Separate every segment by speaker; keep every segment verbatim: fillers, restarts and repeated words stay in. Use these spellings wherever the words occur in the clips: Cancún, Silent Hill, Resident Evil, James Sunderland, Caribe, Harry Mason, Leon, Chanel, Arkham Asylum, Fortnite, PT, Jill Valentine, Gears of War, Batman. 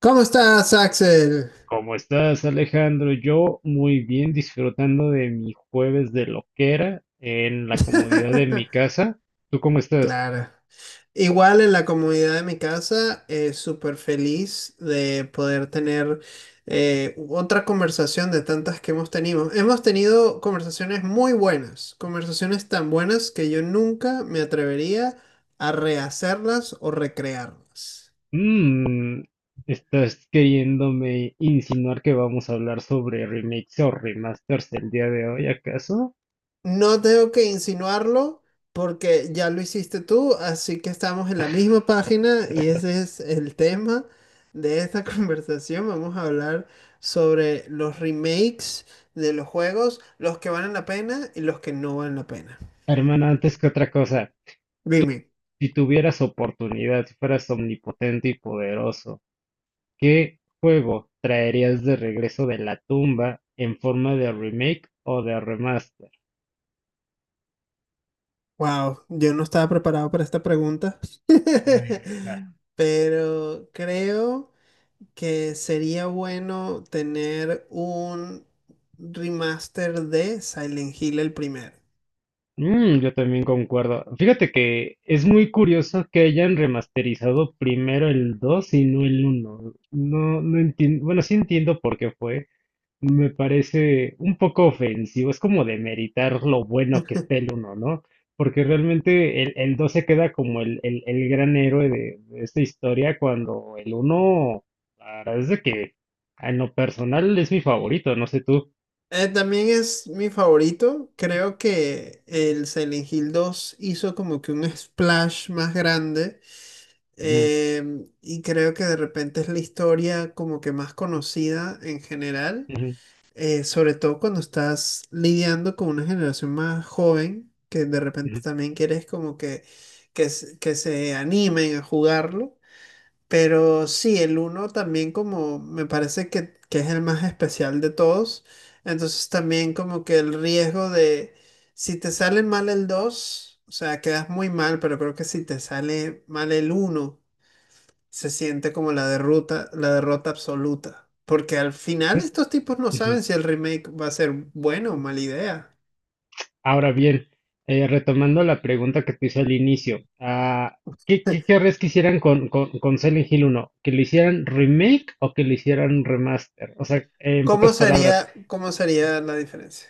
Speaker 1: ¿Cómo estás, Axel?
Speaker 2: ¿Cómo estás, Alejandro? Yo muy bien, disfrutando de mi jueves de loquera en la comodidad de mi casa. ¿Tú cómo estás?
Speaker 1: Claro. Igual en la comunidad de mi casa, eh, súper feliz de poder tener eh, otra conversación de tantas que hemos tenido. Hemos tenido conversaciones muy buenas, conversaciones tan buenas que yo nunca me atrevería a rehacerlas o recrearlas.
Speaker 2: Mm, estás queriéndome insinuar que vamos a hablar sobre remakes o remasters el día de hoy, ¿acaso?
Speaker 1: No tengo que insinuarlo porque ya lo hiciste tú, así que estamos en la misma página y ese es el tema de esta conversación. Vamos a hablar sobre los remakes de los juegos, los que valen la pena y los que no valen la pena.
Speaker 2: Hermano, antes que otra cosa,
Speaker 1: Dime,
Speaker 2: si tuvieras oportunidad, si fueras omnipotente y poderoso, ¿qué juego traerías de regreso de la tumba en forma de remake o de remaster?
Speaker 1: wow, yo no estaba preparado para esta pregunta,
Speaker 2: Nadie lo está.
Speaker 1: pero creo que sería bueno tener un remaster de Silent Hill el primero.
Speaker 2: Mm, yo también concuerdo. Fíjate que es muy curioso que hayan remasterizado primero el dos y no el uno. No, no entiendo, bueno, sí entiendo por qué fue. Me parece un poco ofensivo. Es como demeritar lo bueno que está el uno, ¿no? Porque realmente el, el dos se queda como el, el, el gran héroe de, de esta historia. Cuando el uno, la verdad es de que en lo personal es mi favorito, no sé tú.
Speaker 1: Eh, también es mi favorito. Creo que el Silent Hill dos hizo como que un splash más grande.
Speaker 2: Ujú,
Speaker 1: Em, y creo que de repente es la historia como que más conocida en general.
Speaker 2: ujú,
Speaker 1: Eh, sobre todo cuando estás lidiando con una generación más joven, que de repente
Speaker 2: ujú.
Speaker 1: también quieres como que, que, se- que se animen a jugarlo. Pero sí, el uno también como me parece que, que es el más especial de todos. Entonces también como que el riesgo de si te sale mal el dos, o sea, quedas muy mal, pero creo que si te sale mal el uno se siente como la derrota, la derrota absoluta. Porque al final
Speaker 2: ¿Ves?
Speaker 1: estos tipos no
Speaker 2: Ujú.
Speaker 1: saben si el remake va a ser bueno o mala idea.
Speaker 2: Ahora bien, eh, retomando la pregunta que te hice al inicio, ah, ¿qué, qué querrías que hicieran con, con, con Silent Hill uno? ¿Que lo hicieran remake o que lo hicieran remaster? O sea, en
Speaker 1: ¿Cómo
Speaker 2: pocas palabras,
Speaker 1: sería, cómo sería la diferencia?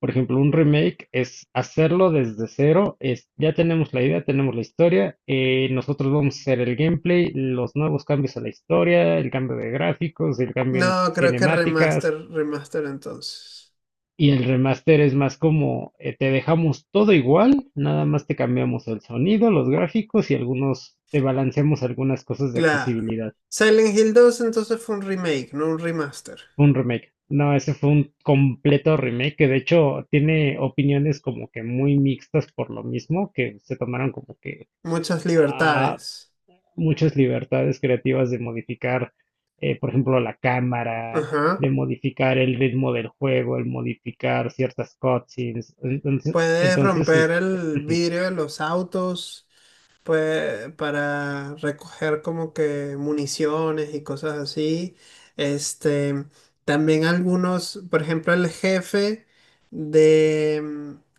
Speaker 2: por ejemplo, un remake es hacerlo desde cero, es ya tenemos la idea, tenemos la historia, eh, nosotros vamos a hacer el gameplay, los nuevos cambios a la historia, el cambio de gráficos, el cambio en
Speaker 1: No, creo que
Speaker 2: cinemáticas.
Speaker 1: remaster, remaster entonces.
Speaker 2: Y el remaster es más como, eh, te dejamos todo igual, nada más te cambiamos el sonido, los gráficos y algunos, te balanceamos algunas cosas de
Speaker 1: Claro.
Speaker 2: accesibilidad.
Speaker 1: Silent Hill dos entonces fue un remake, no un remaster.
Speaker 2: Fue un remake. No, ese fue un completo remake que de hecho tiene opiniones como que muy mixtas por lo mismo, que se tomaron como que,
Speaker 1: Muchas
Speaker 2: ah,
Speaker 1: libertades.
Speaker 2: muchas libertades creativas de modificar, eh, por ejemplo, la cámara,
Speaker 1: Ajá.
Speaker 2: de modificar el ritmo del juego, el modificar ciertas cutscenes. Entonces,
Speaker 1: Puedes
Speaker 2: entonces
Speaker 1: romper
Speaker 2: este,
Speaker 1: el
Speaker 2: ujú,
Speaker 1: vidrio de los autos pue- para recoger como que municiones y cosas así. Este, también algunos, por ejemplo, el jefe de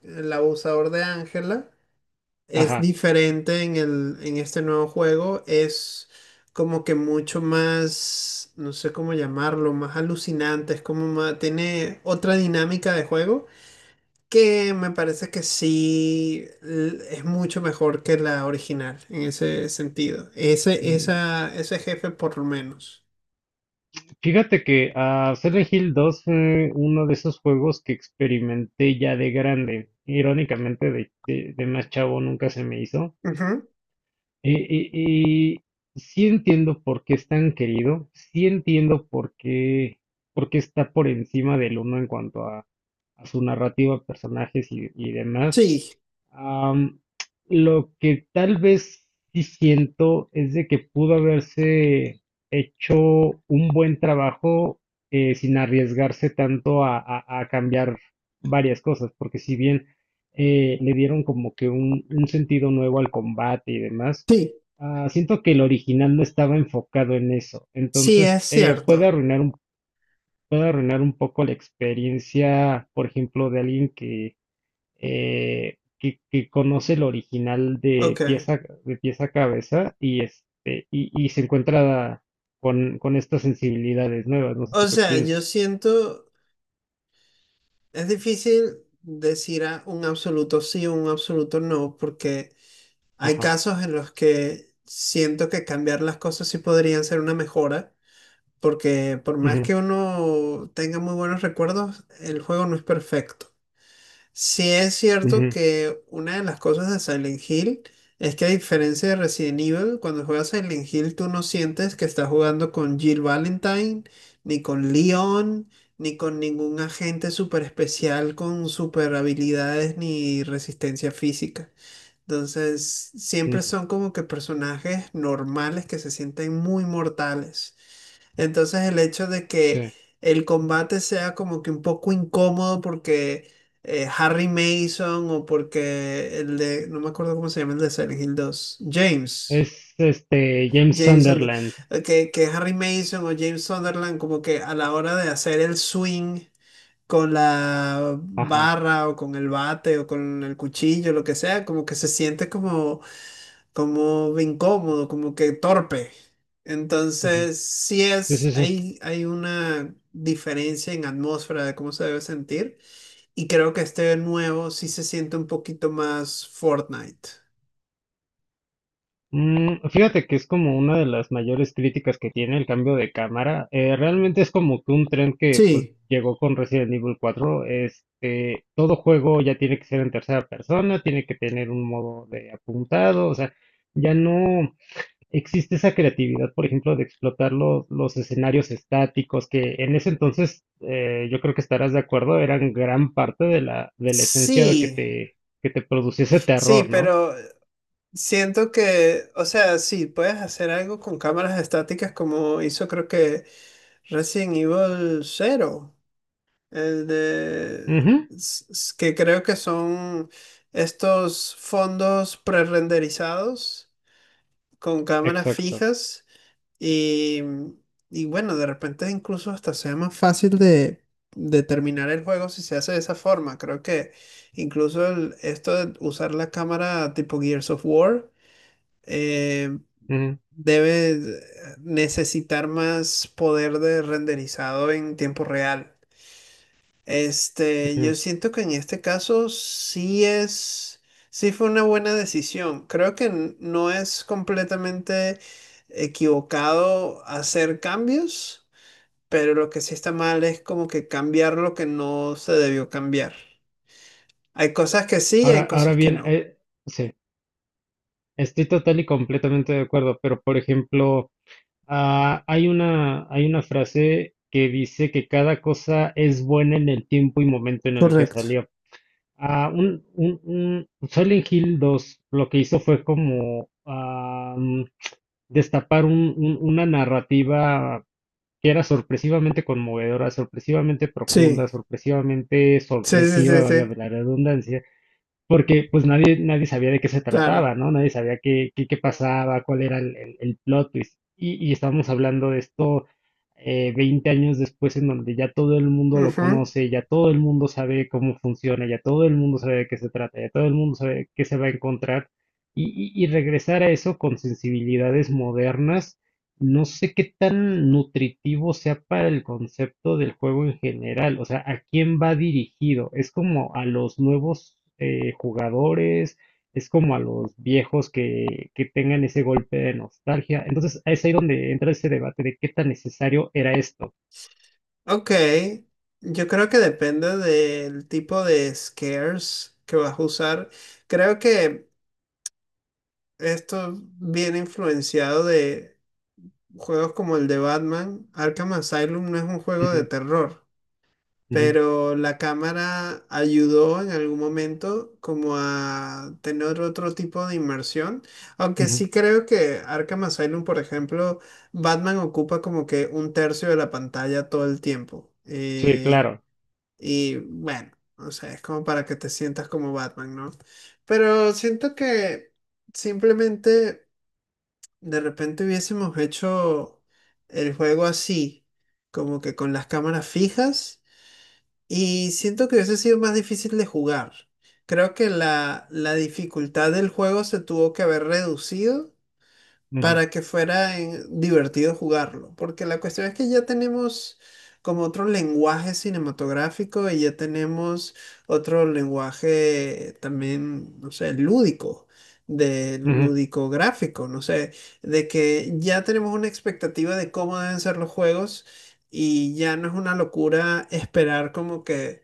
Speaker 1: mm, el abusador de Ángela es
Speaker 2: ajá.
Speaker 1: diferente en el, en este nuevo juego. Es como que mucho más, no sé cómo llamarlo, más alucinante. Es como más, tiene otra dinámica de juego que me parece que sí l- es mucho mejor que la original en ese sentido. Ese,
Speaker 2: Mm,
Speaker 1: esa, ese jefe por lo menos.
Speaker 2: Fíjate que a Silent Hill dos fue uno de esos juegos que experimenté ya de grande. Irónicamente, de, de- de más chavo nunca se me hizo.
Speaker 1: Ujú.
Speaker 2: Eh, eh, eh, sí entiendo por qué es tan querido, sí entiendo por qué, por qué está por encima del uno en cuanto a, a su narrativa, personajes y, y demás.
Speaker 1: Sí,
Speaker 2: Am, lo que tal vez sí siento es de que pudo haberse hecho un buen trabajo, eh, sin arriesgarse tanto a, a- a cambiar varias cosas, porque si bien eh, le dieron como que un, un sentido nuevo al combate y demás,
Speaker 1: sí,
Speaker 2: ah, siento que el original no estaba enfocado en eso,
Speaker 1: sí es
Speaker 2: entonces eh, puede
Speaker 1: cierto.
Speaker 2: arruinar un, puede arruinar un poco la experiencia, por ejemplo, de alguien eh, que, que conoce el original de
Speaker 1: Ok.
Speaker 2: pieza, de pieza a cabeza y, este, y, y se encuentra con, con estas sensibilidades nuevas, no sé tú
Speaker 1: O
Speaker 2: qué
Speaker 1: sea, yo
Speaker 2: piensas.
Speaker 1: siento... Es difícil decir a un absoluto sí o un absoluto no, porque hay
Speaker 2: Ajá.
Speaker 1: casos en los que siento que cambiar las cosas sí podrían ser una mejora, porque por más
Speaker 2: Ujú,
Speaker 1: que uno tenga muy buenos recuerdos, el juego no es perfecto. Sí es cierto
Speaker 2: ujú,
Speaker 1: que una de las cosas de Silent Hill es que, a diferencia de Resident Evil, cuando juegas Silent Hill tú no sientes que estás jugando con Jill Valentine, ni con Leon, ni con ningún agente súper especial con super habilidades ni resistencia física. Entonces siempre
Speaker 2: ujú,
Speaker 1: son como que personajes normales que se sienten muy mortales. Entonces el hecho de que
Speaker 2: sí.
Speaker 1: el combate sea como que un poco incómodo porque eh, Harry Mason, o porque el de, no me acuerdo cómo se llama el de Silent Hill dos, James.
Speaker 2: Es este James
Speaker 1: James, and-
Speaker 2: Sunderland.
Speaker 1: eh, que, que Harry Mason o James Sunderland, como que a la hora de hacer el swing con la
Speaker 2: Ajá.
Speaker 1: barra o con el bate o con el cuchillo, lo que sea, como que se siente como como de incómodo, como que torpe.
Speaker 2: Ujú.
Speaker 1: Entonces, sí
Speaker 2: Sí, sí,
Speaker 1: es,
Speaker 2: sí.
Speaker 1: hay, hay una diferencia en atmósfera de cómo se debe sentir, y creo que este nuevo sí se siente un poquito más Fortnite.
Speaker 2: Mm, fíjate que es como una de las mayores críticas que tiene el cambio de cámara. Eh, realmente es como que un tren que pues
Speaker 1: Sí,
Speaker 2: llegó con Resident Evil cuatro. Este, todo juego ya tiene que ser en tercera persona, tiene que tener un modo de apuntado, o sea, ya no existe esa creatividad, por ejemplo, de explotar los, los escenarios estáticos que en ese entonces, eh, yo creo que estarás de acuerdo, eran gran parte de la, de la esencia de que
Speaker 1: sí,
Speaker 2: te, que te produciese
Speaker 1: sí,
Speaker 2: terror, ¿no?
Speaker 1: pero siento que, o sea, sí, puedes hacer algo con cámaras estáticas como hizo, creo que, Resident Evil Cero. eh, de-
Speaker 2: Ujú,
Speaker 1: s- s- que creo que son estos fondos prerenderizados con cámaras
Speaker 2: exacto.
Speaker 1: fijas, y, y bueno, de repente incluso hasta sea más fácil de, de terminar el juego si se hace de esa forma. Creo que incluso el- esto de usar la cámara tipo Gears of War eh, debe eh, necesitar más poder de renderizado en tiempo real. Este,
Speaker 2: Ujú.
Speaker 1: yo siento que en este caso sí es, sí fue una buena decisión. Creo que n- no es completamente equivocado hacer cambios, pero lo que sí está mal es como que cambiar lo que no se debió cambiar. Hay cosas que sí,
Speaker 2: Ahora,
Speaker 1: hay
Speaker 2: ahora
Speaker 1: cosas que
Speaker 2: bien,
Speaker 1: no.
Speaker 2: eh, sí, estoy total y completamente de acuerdo, pero por ejemplo, ah, hay una, hay una frase que dice que cada cosa es buena en el tiempo y momento en el que
Speaker 1: Correcto.
Speaker 2: salió. Ah, un, un, un Silent Hill dos, lo que hizo fue como ah, mm, destapar un- un- una narrativa que era sorpresivamente conmovedora, sorpresivamente profunda,
Speaker 1: Sí,
Speaker 2: sorpresivamente
Speaker 1: sí, sí,
Speaker 2: sorpresiva,
Speaker 1: sí,
Speaker 2: valga
Speaker 1: sí,
Speaker 2: la redundancia, porque pues nadie, nadie sabía de qué se
Speaker 1: claro.
Speaker 2: trataba, ¿no? Nadie sabía qué, qué, qué pasaba, cuál era el, el- el plot twist. Y, y estábamos hablando de esto, eh, veinte años después, en donde ya todo el mundo lo
Speaker 1: Ujú.
Speaker 2: conoce, ya todo el mundo sabe cómo funciona, ya todo el mundo sabe de qué se trata, ya todo el mundo sabe qué se va a encontrar. Y, y- y regresar a eso con sensibilidades modernas, no sé qué tan nutritivo sea para el concepto del juego en general, o sea, ¿a quién va dirigido? ¿Es como a los nuevos eh, jugadores? ¿Es como a los viejos que, que tengan ese golpe de nostalgia? Entonces, es ahí donde entra ese debate de qué tan necesario era esto.
Speaker 1: Ok, yo creo que depende del tipo de scares que vas a usar. Creo que esto viene influenciado de juegos como el de Batman. Arkham Asylum no es un juego de
Speaker 2: Ujú,
Speaker 1: terror, pero la cámara ayudó en algún momento como a tener otro tipo de inmersión.
Speaker 2: ujú,
Speaker 1: Aunque
Speaker 2: ujú.
Speaker 1: sí creo que Arkham Asylum, por ejemplo, Batman ocupa como que un tercio de la pantalla todo el tiempo.
Speaker 2: Sí,
Speaker 1: Eh,
Speaker 2: claro.
Speaker 1: y bueno, o sea, es como para que te sientas como Batman, ¿no? Pero siento que simplemente... De repente hubiésemos hecho el juego así, como que con las cámaras fijas, y siento que hubiese sido más difícil de jugar. Creo que la, la dificultad del juego se tuvo que haber reducido
Speaker 2: Ujú,
Speaker 1: para que fuera eh, divertido jugarlo, porque la cuestión es que ya tenemos como otro lenguaje cinematográfico, y ya tenemos otro lenguaje también, no sé, lúdico, de
Speaker 2: ujú,
Speaker 1: lúdico gráfico, no sé, de que ya tenemos una expectativa de cómo deben ser los juegos, y ya no es una locura esperar como que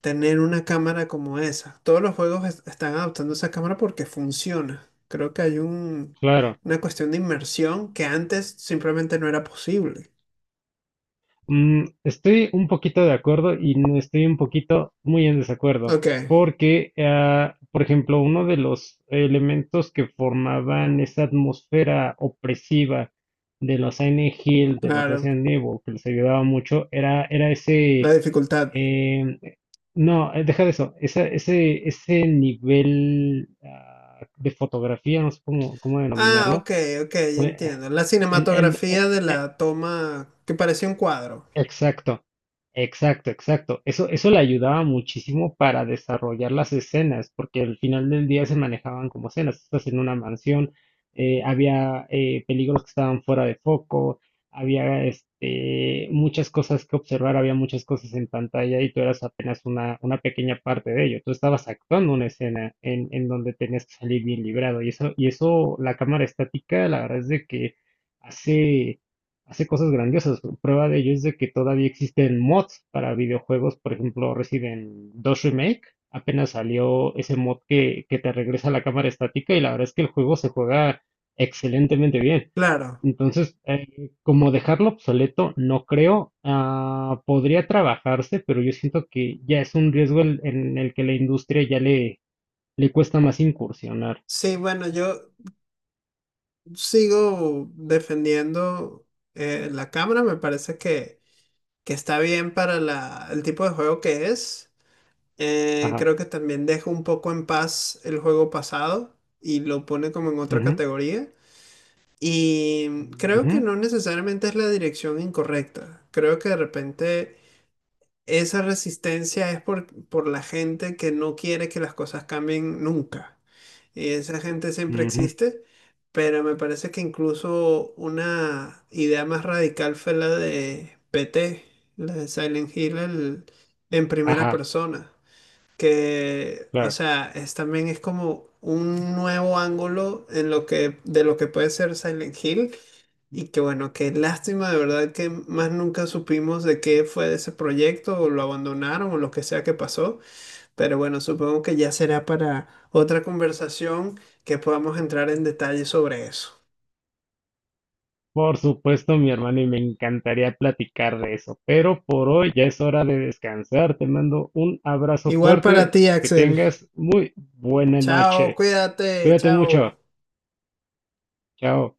Speaker 1: tener una cámara como esa. Todos los juegos es- están adoptando esa cámara porque funciona. Creo que hay un,
Speaker 2: claro.
Speaker 1: una cuestión de inmersión que antes simplemente no era posible.
Speaker 2: Mm, estoy un poquito de acuerdo y no estoy un poquito muy en desacuerdo,
Speaker 1: Ok,
Speaker 2: porque, ah, por ejemplo, uno de los elementos que formaban esa atmósfera opresiva de los Silent Hill, de los
Speaker 1: claro.
Speaker 2: Resident Evil, que les ayudaba mucho, era, era
Speaker 1: La
Speaker 2: ese,
Speaker 1: dificultad.
Speaker 2: em, no, eh, deja de eso, esa- ese, ese nivel, ah, de fotografía, no sé cómo, cómo
Speaker 1: Ah,
Speaker 2: denominarlo.
Speaker 1: ok, ok, ya
Speaker 2: eh,
Speaker 1: entiendo. La
Speaker 2: en, en- e-
Speaker 1: cinematografía de la toma que parecía un cuadro.
Speaker 2: Exacto, exacto, exacto. Eso, eso le ayudaba muchísimo para desarrollar las escenas, porque al final del día se manejaban como escenas. Estás en una mansión, eh, había eh, peligros que estaban fuera de foco, había este, muchas cosas que observar, había muchas cosas en pantalla y tú eras apenas una, una pequeña parte de ello. Tú estabas actuando una escena en, en donde tenías que salir bien librado, y eso, y eso, la cámara estática, la verdad es de que hace hace cosas grandiosas. Prueba de ello es de que todavía existen mods para videojuegos, por ejemplo, Resident dos Remake. Apenas salió ese mod que, que te regresa la cámara estática y la verdad es que el juego se juega excelentemente bien.
Speaker 1: Claro.
Speaker 2: Entonces, eh, como dejarlo obsoleto, no creo. Ah, podría trabajarse, pero yo siento que ya es un riesgo el- en el que la industria ya le, le cuesta más incursionar.
Speaker 1: Sí, bueno, yo sigo defendiendo eh, la cámara. Me parece que, que está bien para la, el tipo de juego que es. Eh,
Speaker 2: Ajá.
Speaker 1: creo que también deja un poco en paz el juego pasado y lo pone como en otra
Speaker 2: Ujú,
Speaker 1: categoría. Y creo
Speaker 2: ujú,
Speaker 1: que no necesariamente es la dirección incorrecta. Creo que de repente esa resistencia es por, por la gente que no quiere que las cosas cambien nunca. Y esa gente siempre
Speaker 2: ujú,
Speaker 1: existe, pero me parece que incluso una idea más radical fue la de P T, la de Silent Hill el- en primera
Speaker 2: ajá,
Speaker 1: persona que, o
Speaker 2: claro.
Speaker 1: sea, es, también es como un nuevo ángulo en lo que, de lo que puede ser Silent Hill. Y que bueno, qué lástima de verdad que más nunca supimos de qué fue de ese proyecto, o lo abandonaron o lo que sea que pasó. Pero bueno, supongo que ya será para otra conversación que podamos entrar en detalle sobre eso.
Speaker 2: Por supuesto, mi hermano, y me encantaría platicar de eso, pero por hoy ya es hora de descansar. Te mando un abrazo
Speaker 1: Igual para
Speaker 2: fuerte,
Speaker 1: ti,
Speaker 2: que
Speaker 1: Axel.
Speaker 2: tengas muy buena
Speaker 1: Chao,
Speaker 2: noche.
Speaker 1: cuídate,
Speaker 2: Cuídate
Speaker 1: chao.
Speaker 2: mucho. Chao.